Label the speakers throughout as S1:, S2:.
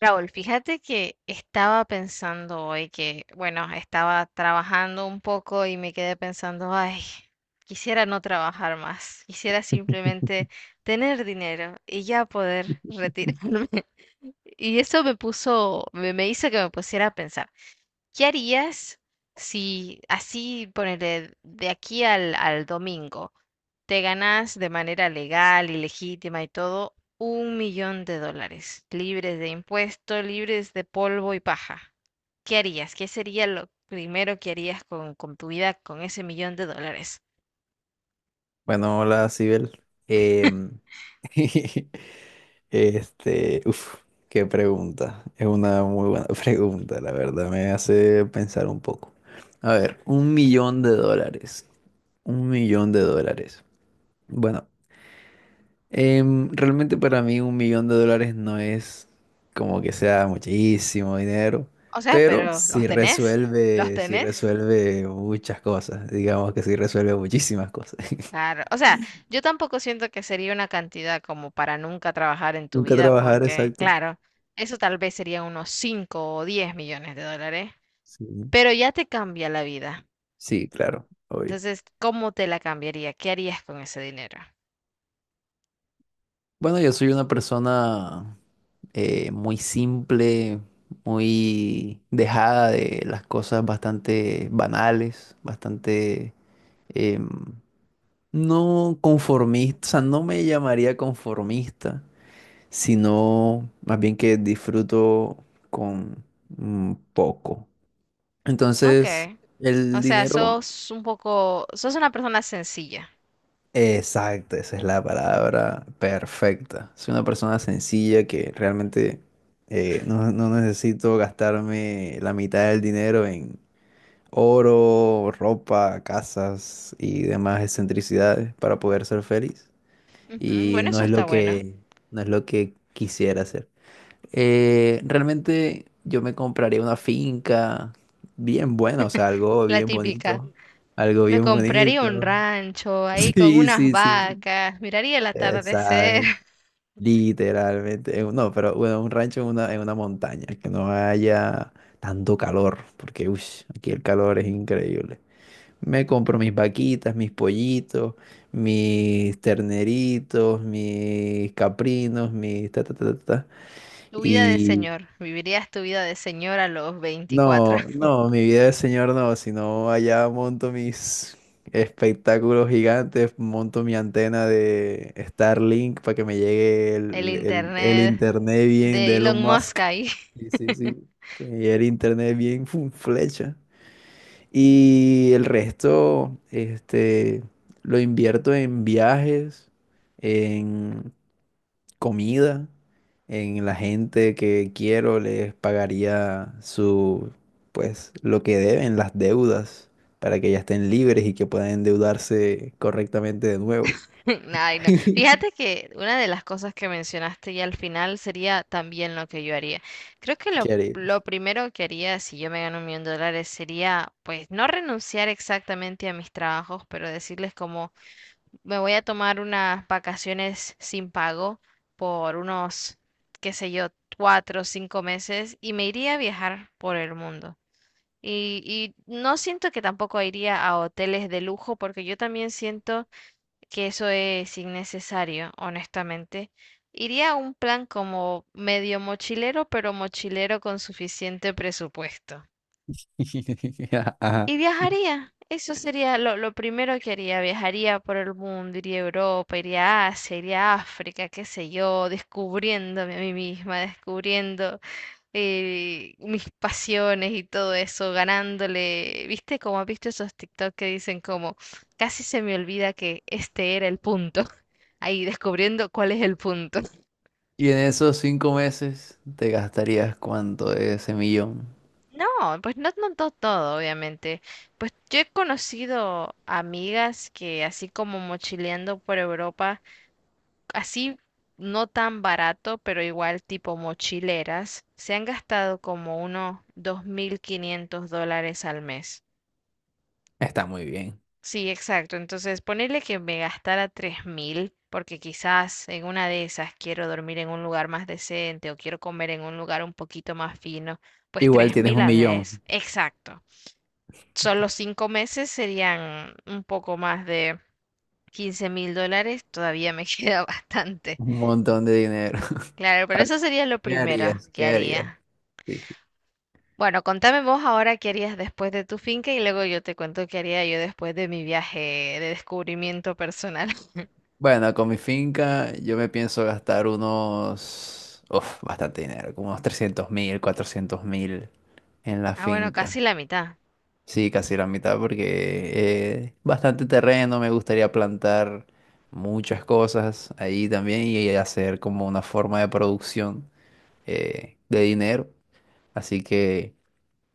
S1: Raúl, fíjate que estaba pensando hoy que, bueno, estaba trabajando un poco y me quedé pensando, ay, quisiera no trabajar más, quisiera simplemente tener dinero y ya poder retirarme. Y eso me puso, me hizo que me pusiera a pensar. ¿Qué harías si así, ponele, de aquí al domingo, te ganás de manera legal y legítima y todo un millón de dólares, libres de impuestos, libres de polvo y paja? ¿Qué harías? ¿Qué sería lo primero que harías con tu vida con ese millón de dólares?
S2: Bueno, hola, Sibel. Em, este, uf, qué pregunta. Es una muy buena pregunta, la verdad. Me hace pensar un poco. A ver, un millón de dólares. Un millón de dólares. Bueno, realmente para mí un millón de dólares no es como que sea muchísimo dinero,
S1: O sea,
S2: pero
S1: pero ¿los
S2: sí
S1: tenés? ¿Los
S2: resuelve, sí
S1: tenés?
S2: resuelve muchas cosas. Digamos que sí resuelve muchísimas cosas.
S1: Claro, o sea, yo tampoco siento que sería una cantidad como para nunca trabajar en tu
S2: Nunca
S1: vida,
S2: trabajar,
S1: porque,
S2: exacto.
S1: claro, eso tal vez sería unos 5 o 10 millones de dólares,
S2: Sí.
S1: pero ya te cambia la vida.
S2: Sí, claro, obvio.
S1: Entonces, ¿cómo te la cambiaría? ¿Qué harías con ese dinero?
S2: Bueno, yo soy una persona muy simple, muy dejada de las cosas bastante banales, bastante em, no conformista, o sea, no me llamaría conformista, sino más bien que disfruto con poco.
S1: Ok,
S2: Entonces,
S1: o
S2: el
S1: sea,
S2: dinero.
S1: sos un poco, sos una persona sencilla.
S2: Exacto, esa es la palabra perfecta. Soy una persona sencilla que realmente no necesito gastarme la mitad del dinero en oro, ropa, casas y demás excentricidades para poder ser feliz.
S1: Ujú,
S2: Y
S1: bueno, eso está bueno.
S2: no es lo que quisiera hacer. Realmente yo me compraría una finca bien buena, o sea, algo
S1: La
S2: bien
S1: típica.
S2: bonito. Algo
S1: Me
S2: bien
S1: compraría un
S2: bonito.
S1: rancho ahí con
S2: Sí,
S1: unas
S2: sí, sí, sí.
S1: vacas, miraría el atardecer.
S2: Exacto, literalmente. No, pero bueno, un rancho en una montaña, que no haya tanto calor, porque ush, aquí el calor es increíble. Me compro mis vaquitas, mis pollitos, mis terneritos, mis caprinos, mis ta ta ta ta ta,
S1: Tu vida de
S2: y
S1: señor. Vivirías tu vida de señor a los 24.
S2: no, no, mi vida de señor no, sino allá monto mis espectáculos gigantes, monto mi antena de Starlink para que me llegue
S1: El
S2: el, el
S1: internet
S2: internet bien de
S1: de
S2: Elon
S1: Elon Musk
S2: Musk.
S1: ahí.
S2: Sí, sí, sí. Que me llegue el internet bien fum, flecha. Y el resto, este, lo invierto en viajes, comida, en la gente que quiero les pagaría su, pues, lo que deben, las deudas, para que ya estén libres y que puedan endeudarse correctamente de nuevo.
S1: Ay, no. Fíjate que una de las cosas que mencionaste ya al final sería también lo que yo haría. Creo que lo,
S2: ¿Qué
S1: lo
S2: harías?
S1: primero que haría si yo me gano un millón de dólares sería, pues, no renunciar exactamente a mis trabajos, pero decirles como, me voy a tomar unas vacaciones sin pago por unos, qué sé yo, 4 o 5 meses y me iría a viajar por el mundo. Y no siento que tampoco iría a hoteles de lujo porque yo también siento que eso es innecesario, honestamente. Iría a un plan como medio mochilero, pero mochilero con suficiente presupuesto.
S2: Ajá.
S1: Y viajaría, eso sería lo primero que haría, viajaría por el mundo, iría a Europa, iría a Asia, iría a África, qué sé yo, descubriéndome a mí misma, descubriendo mis pasiones y todo eso, ganándole, ¿viste? Como has visto esos TikTok que dicen como, casi se me olvida que este era el punto, ahí descubriendo cuál es el punto.
S2: Y en esos 5 meses te gastarías cuánto de ese millón.
S1: No, pues no, todo, obviamente. Pues yo he conocido amigas que así como mochileando por Europa, así no tan barato, pero igual tipo mochileras, se han gastado como unos 2.500 dólares al mes.
S2: Está muy bien.
S1: Sí, exacto. Entonces, ponerle que me gastara 3.000 porque quizás en una de esas quiero dormir en un lugar más decente o quiero comer en un lugar un poquito más fino, pues
S2: Igual
S1: tres
S2: tienes
S1: mil
S2: un
S1: al
S2: millón,
S1: mes. Exacto. Solo 5 meses serían un poco más de 15.000 dólares, todavía me queda bastante.
S2: un montón de dinero.
S1: Claro,
S2: A
S1: pero
S2: ver,
S1: eso sería lo
S2: ¿qué
S1: primero
S2: harías?
S1: que
S2: ¿Qué harías?
S1: haría.
S2: Sí.
S1: Bueno, contame vos ahora qué harías después de tu finca y luego yo te cuento qué haría yo después de mi viaje de descubrimiento personal.
S2: Bueno, con mi finca yo me pienso gastar unos, uf, bastante dinero, como unos 300.000, 400.000 en la
S1: Ah, bueno,
S2: finca.
S1: casi la mitad.
S2: Sí, casi la mitad porque bastante terreno, me gustaría plantar muchas cosas ahí también y hacer como una forma de producción de dinero. Así que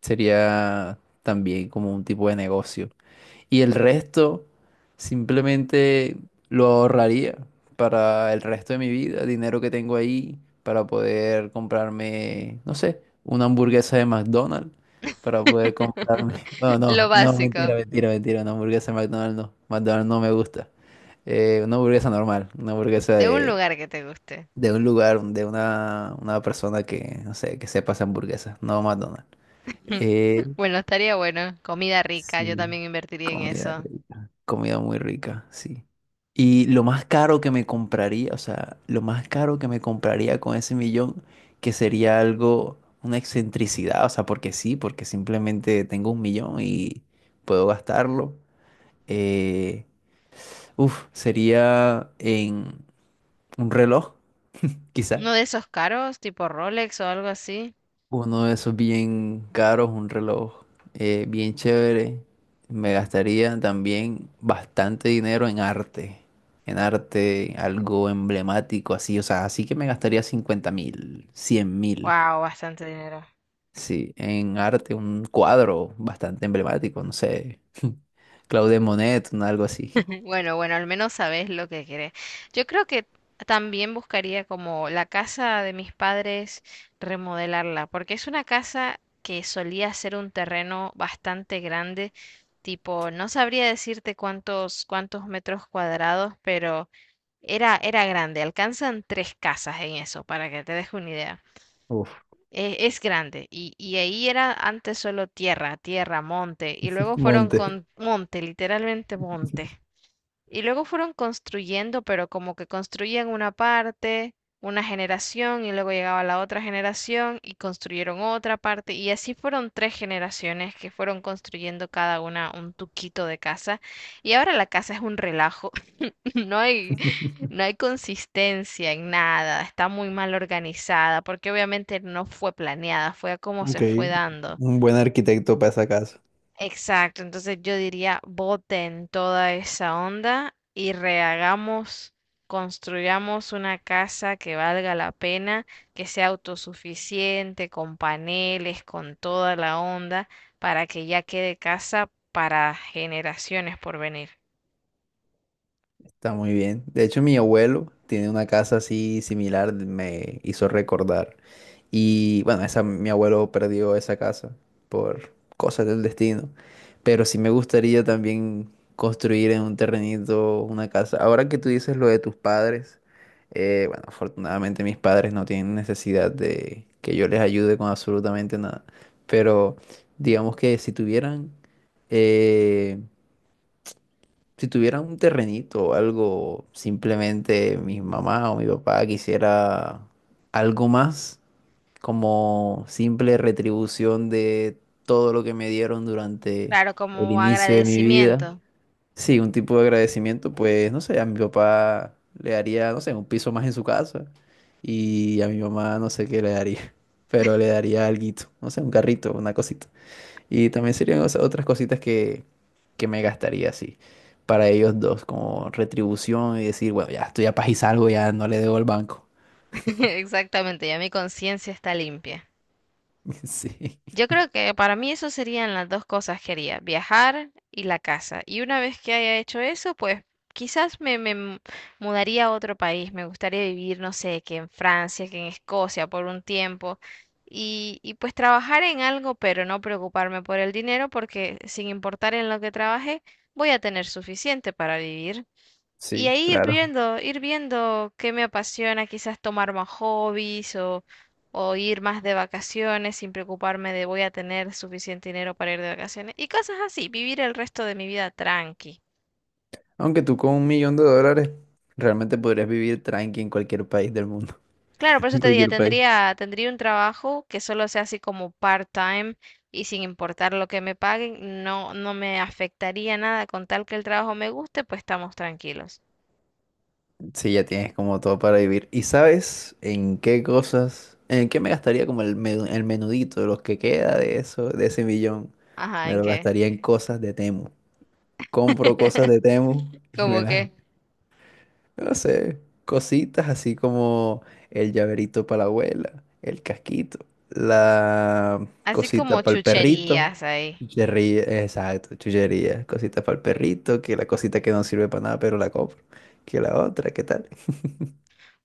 S2: sería también como un tipo de negocio. Y el resto simplemente lo ahorraría para el resto de mi vida, dinero que tengo ahí para poder comprarme, no sé, una hamburguesa de McDonald's, para poder comprarme, bueno,
S1: Lo
S2: no, no, mentira,
S1: básico,
S2: mentira, mentira, una hamburguesa de McDonald's no me gusta. Una hamburguesa normal, una hamburguesa
S1: de un lugar que te guste.
S2: de un lugar, de una persona que, no sé, que sepa hacer hamburguesas, no McDonald's. Eh,
S1: Bueno, estaría bueno. Comida rica, yo
S2: Sí,
S1: también invertiría en
S2: comida
S1: eso.
S2: rica, comida muy rica, sí. Y lo más caro que me compraría, o sea, lo más caro que me compraría con ese millón, que sería algo, una excentricidad, o sea, porque sí, porque simplemente tengo un millón y puedo gastarlo. Eh, uf, sería en un reloj, quizá.
S1: Uno de esos caros, tipo Rolex o algo así.
S2: Uno de esos bien caros, un reloj bien chévere. Me gastaría también bastante dinero en arte. En arte, algo emblemático así. O sea, así que me gastaría 50.000, 100.000.
S1: Wow, bastante dinero.
S2: Sí, en arte, un cuadro bastante emblemático, no sé. Claude Monet, un algo así.
S1: Bueno, bueno, al menos sabes lo que querés. Yo creo que también buscaría como la casa de mis padres remodelarla, porque es una casa que solía ser un terreno bastante grande, tipo, no sabría decirte cuántos metros cuadrados, pero era grande, alcanzan tres casas en eso, para que te deje una idea.
S2: Uf,
S1: Es grande y ahí era antes solo tierra, tierra, monte y luego fueron
S2: monte.
S1: con monte, literalmente monte. Y luego fueron construyendo, pero como que construían una parte, una generación, y luego llegaba la otra generación y construyeron otra parte, y así fueron tres generaciones que fueron construyendo cada una un tuquito de casa, y ahora la casa es un relajo, no hay, no hay consistencia en nada, está muy mal organizada, porque obviamente no fue planeada, fue a como
S2: Ok,
S1: se fue dando.
S2: un buen arquitecto para esa casa.
S1: Exacto, entonces yo diría, boten toda esa onda y rehagamos, construyamos una casa que valga la pena, que sea autosuficiente, con paneles, con toda la onda, para que ya quede casa para generaciones por venir.
S2: Está muy bien. De hecho, mi abuelo tiene una casa así similar, me hizo recordar. Y bueno, esa, mi abuelo perdió esa casa por cosas del destino. Pero sí me gustaría también construir en un terrenito una casa. Ahora que tú dices lo de tus padres, bueno, afortunadamente mis padres no tienen necesidad de que yo les ayude con absolutamente nada. Pero digamos que eh, si tuviera un terrenito o algo, simplemente mi mamá o mi papá quisiera algo más como simple retribución de todo lo que me dieron durante
S1: Claro,
S2: el
S1: como
S2: inicio de mi vida.
S1: agradecimiento.
S2: Sí, un tipo de agradecimiento, pues no sé, a mi papá le daría, no sé, un piso más en su casa y a mi mamá no sé qué le daría, pero le daría alguito, no sé, un carrito, una cosita. Y también serían o sea, otras cositas que me gastaría así para ellos dos, como retribución y decir, bueno, ya estoy a paz y salgo, ya no le debo al banco.
S1: Exactamente, ya mi conciencia está limpia.
S2: Sí,
S1: Yo creo que para mí eso serían las dos cosas que haría, viajar y la casa. Y una vez que haya hecho eso, pues quizás mudaría a otro país. Me gustaría vivir, no sé, que en Francia, que en Escocia por un tiempo. Y pues trabajar en algo, pero no preocuparme por el dinero, porque sin importar en lo que trabaje, voy a tener suficiente para vivir. Y
S2: sí,
S1: ahí
S2: claro.
S1: ir viendo qué me apasiona, quizás tomar más hobbies o ir más de vacaciones sin preocuparme de voy a tener suficiente dinero para ir de vacaciones y cosas así, vivir el resto de mi vida tranqui.
S2: Aunque tú con un millón de dólares realmente podrías vivir tranqui en cualquier país del mundo.
S1: Claro, por eso
S2: En
S1: te diría,
S2: cualquier país.
S1: tendría un trabajo que solo sea así como part-time y sin importar lo que me paguen, no, no me afectaría nada con tal que el trabajo me guste, pues estamos tranquilos.
S2: Sí, ya tienes como todo para vivir. ¿Y sabes en qué cosas, en qué me gastaría como el menudito, los que queda de eso, de ese millón?
S1: Ajá,
S2: Me
S1: ¿en
S2: lo
S1: qué?
S2: gastaría en cosas de Temu. Compro cosas de Temu y me
S1: ¿Cómo
S2: las,
S1: qué?
S2: no sé, cositas así como el llaverito para la abuela, el casquito, la
S1: Así como
S2: cosita para el perrito,
S1: chucherías ahí.
S2: chuchería, exacto, chuchería, cosita para el perrito, que la cosita que no sirve para nada, pero la compro, que la otra, ¿qué tal?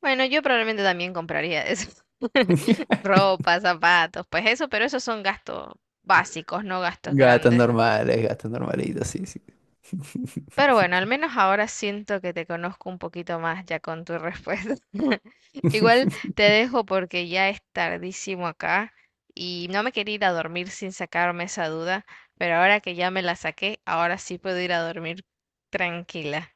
S1: Bueno, yo probablemente también compraría eso. Ropa, zapatos, pues eso, pero esos son gastos básicos, no gastos
S2: Gatos
S1: grandes.
S2: normales, gatos normalitos, sí, sí.
S1: Pero bueno, al menos ahora siento que te conozco un poquito más ya con tu respuesta. Igual te dejo porque ya es tardísimo acá y no me quería ir a dormir sin sacarme esa duda, pero ahora que ya me la saqué, ahora sí puedo ir a dormir tranquila.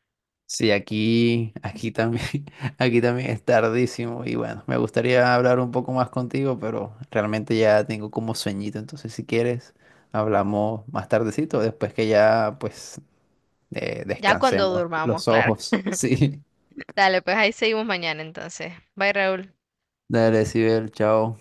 S2: Sí, aquí también, aquí también es tardísimo y bueno, me gustaría hablar un poco más contigo, pero realmente ya tengo como sueñito, entonces si quieres hablamos más tardecito, después que ya pues
S1: Ya cuando
S2: descansemos
S1: durmamos,
S2: los
S1: claro.
S2: ojos. Sí,
S1: Dale, pues ahí seguimos mañana entonces. Bye, Raúl.
S2: dale, Sibel, chao.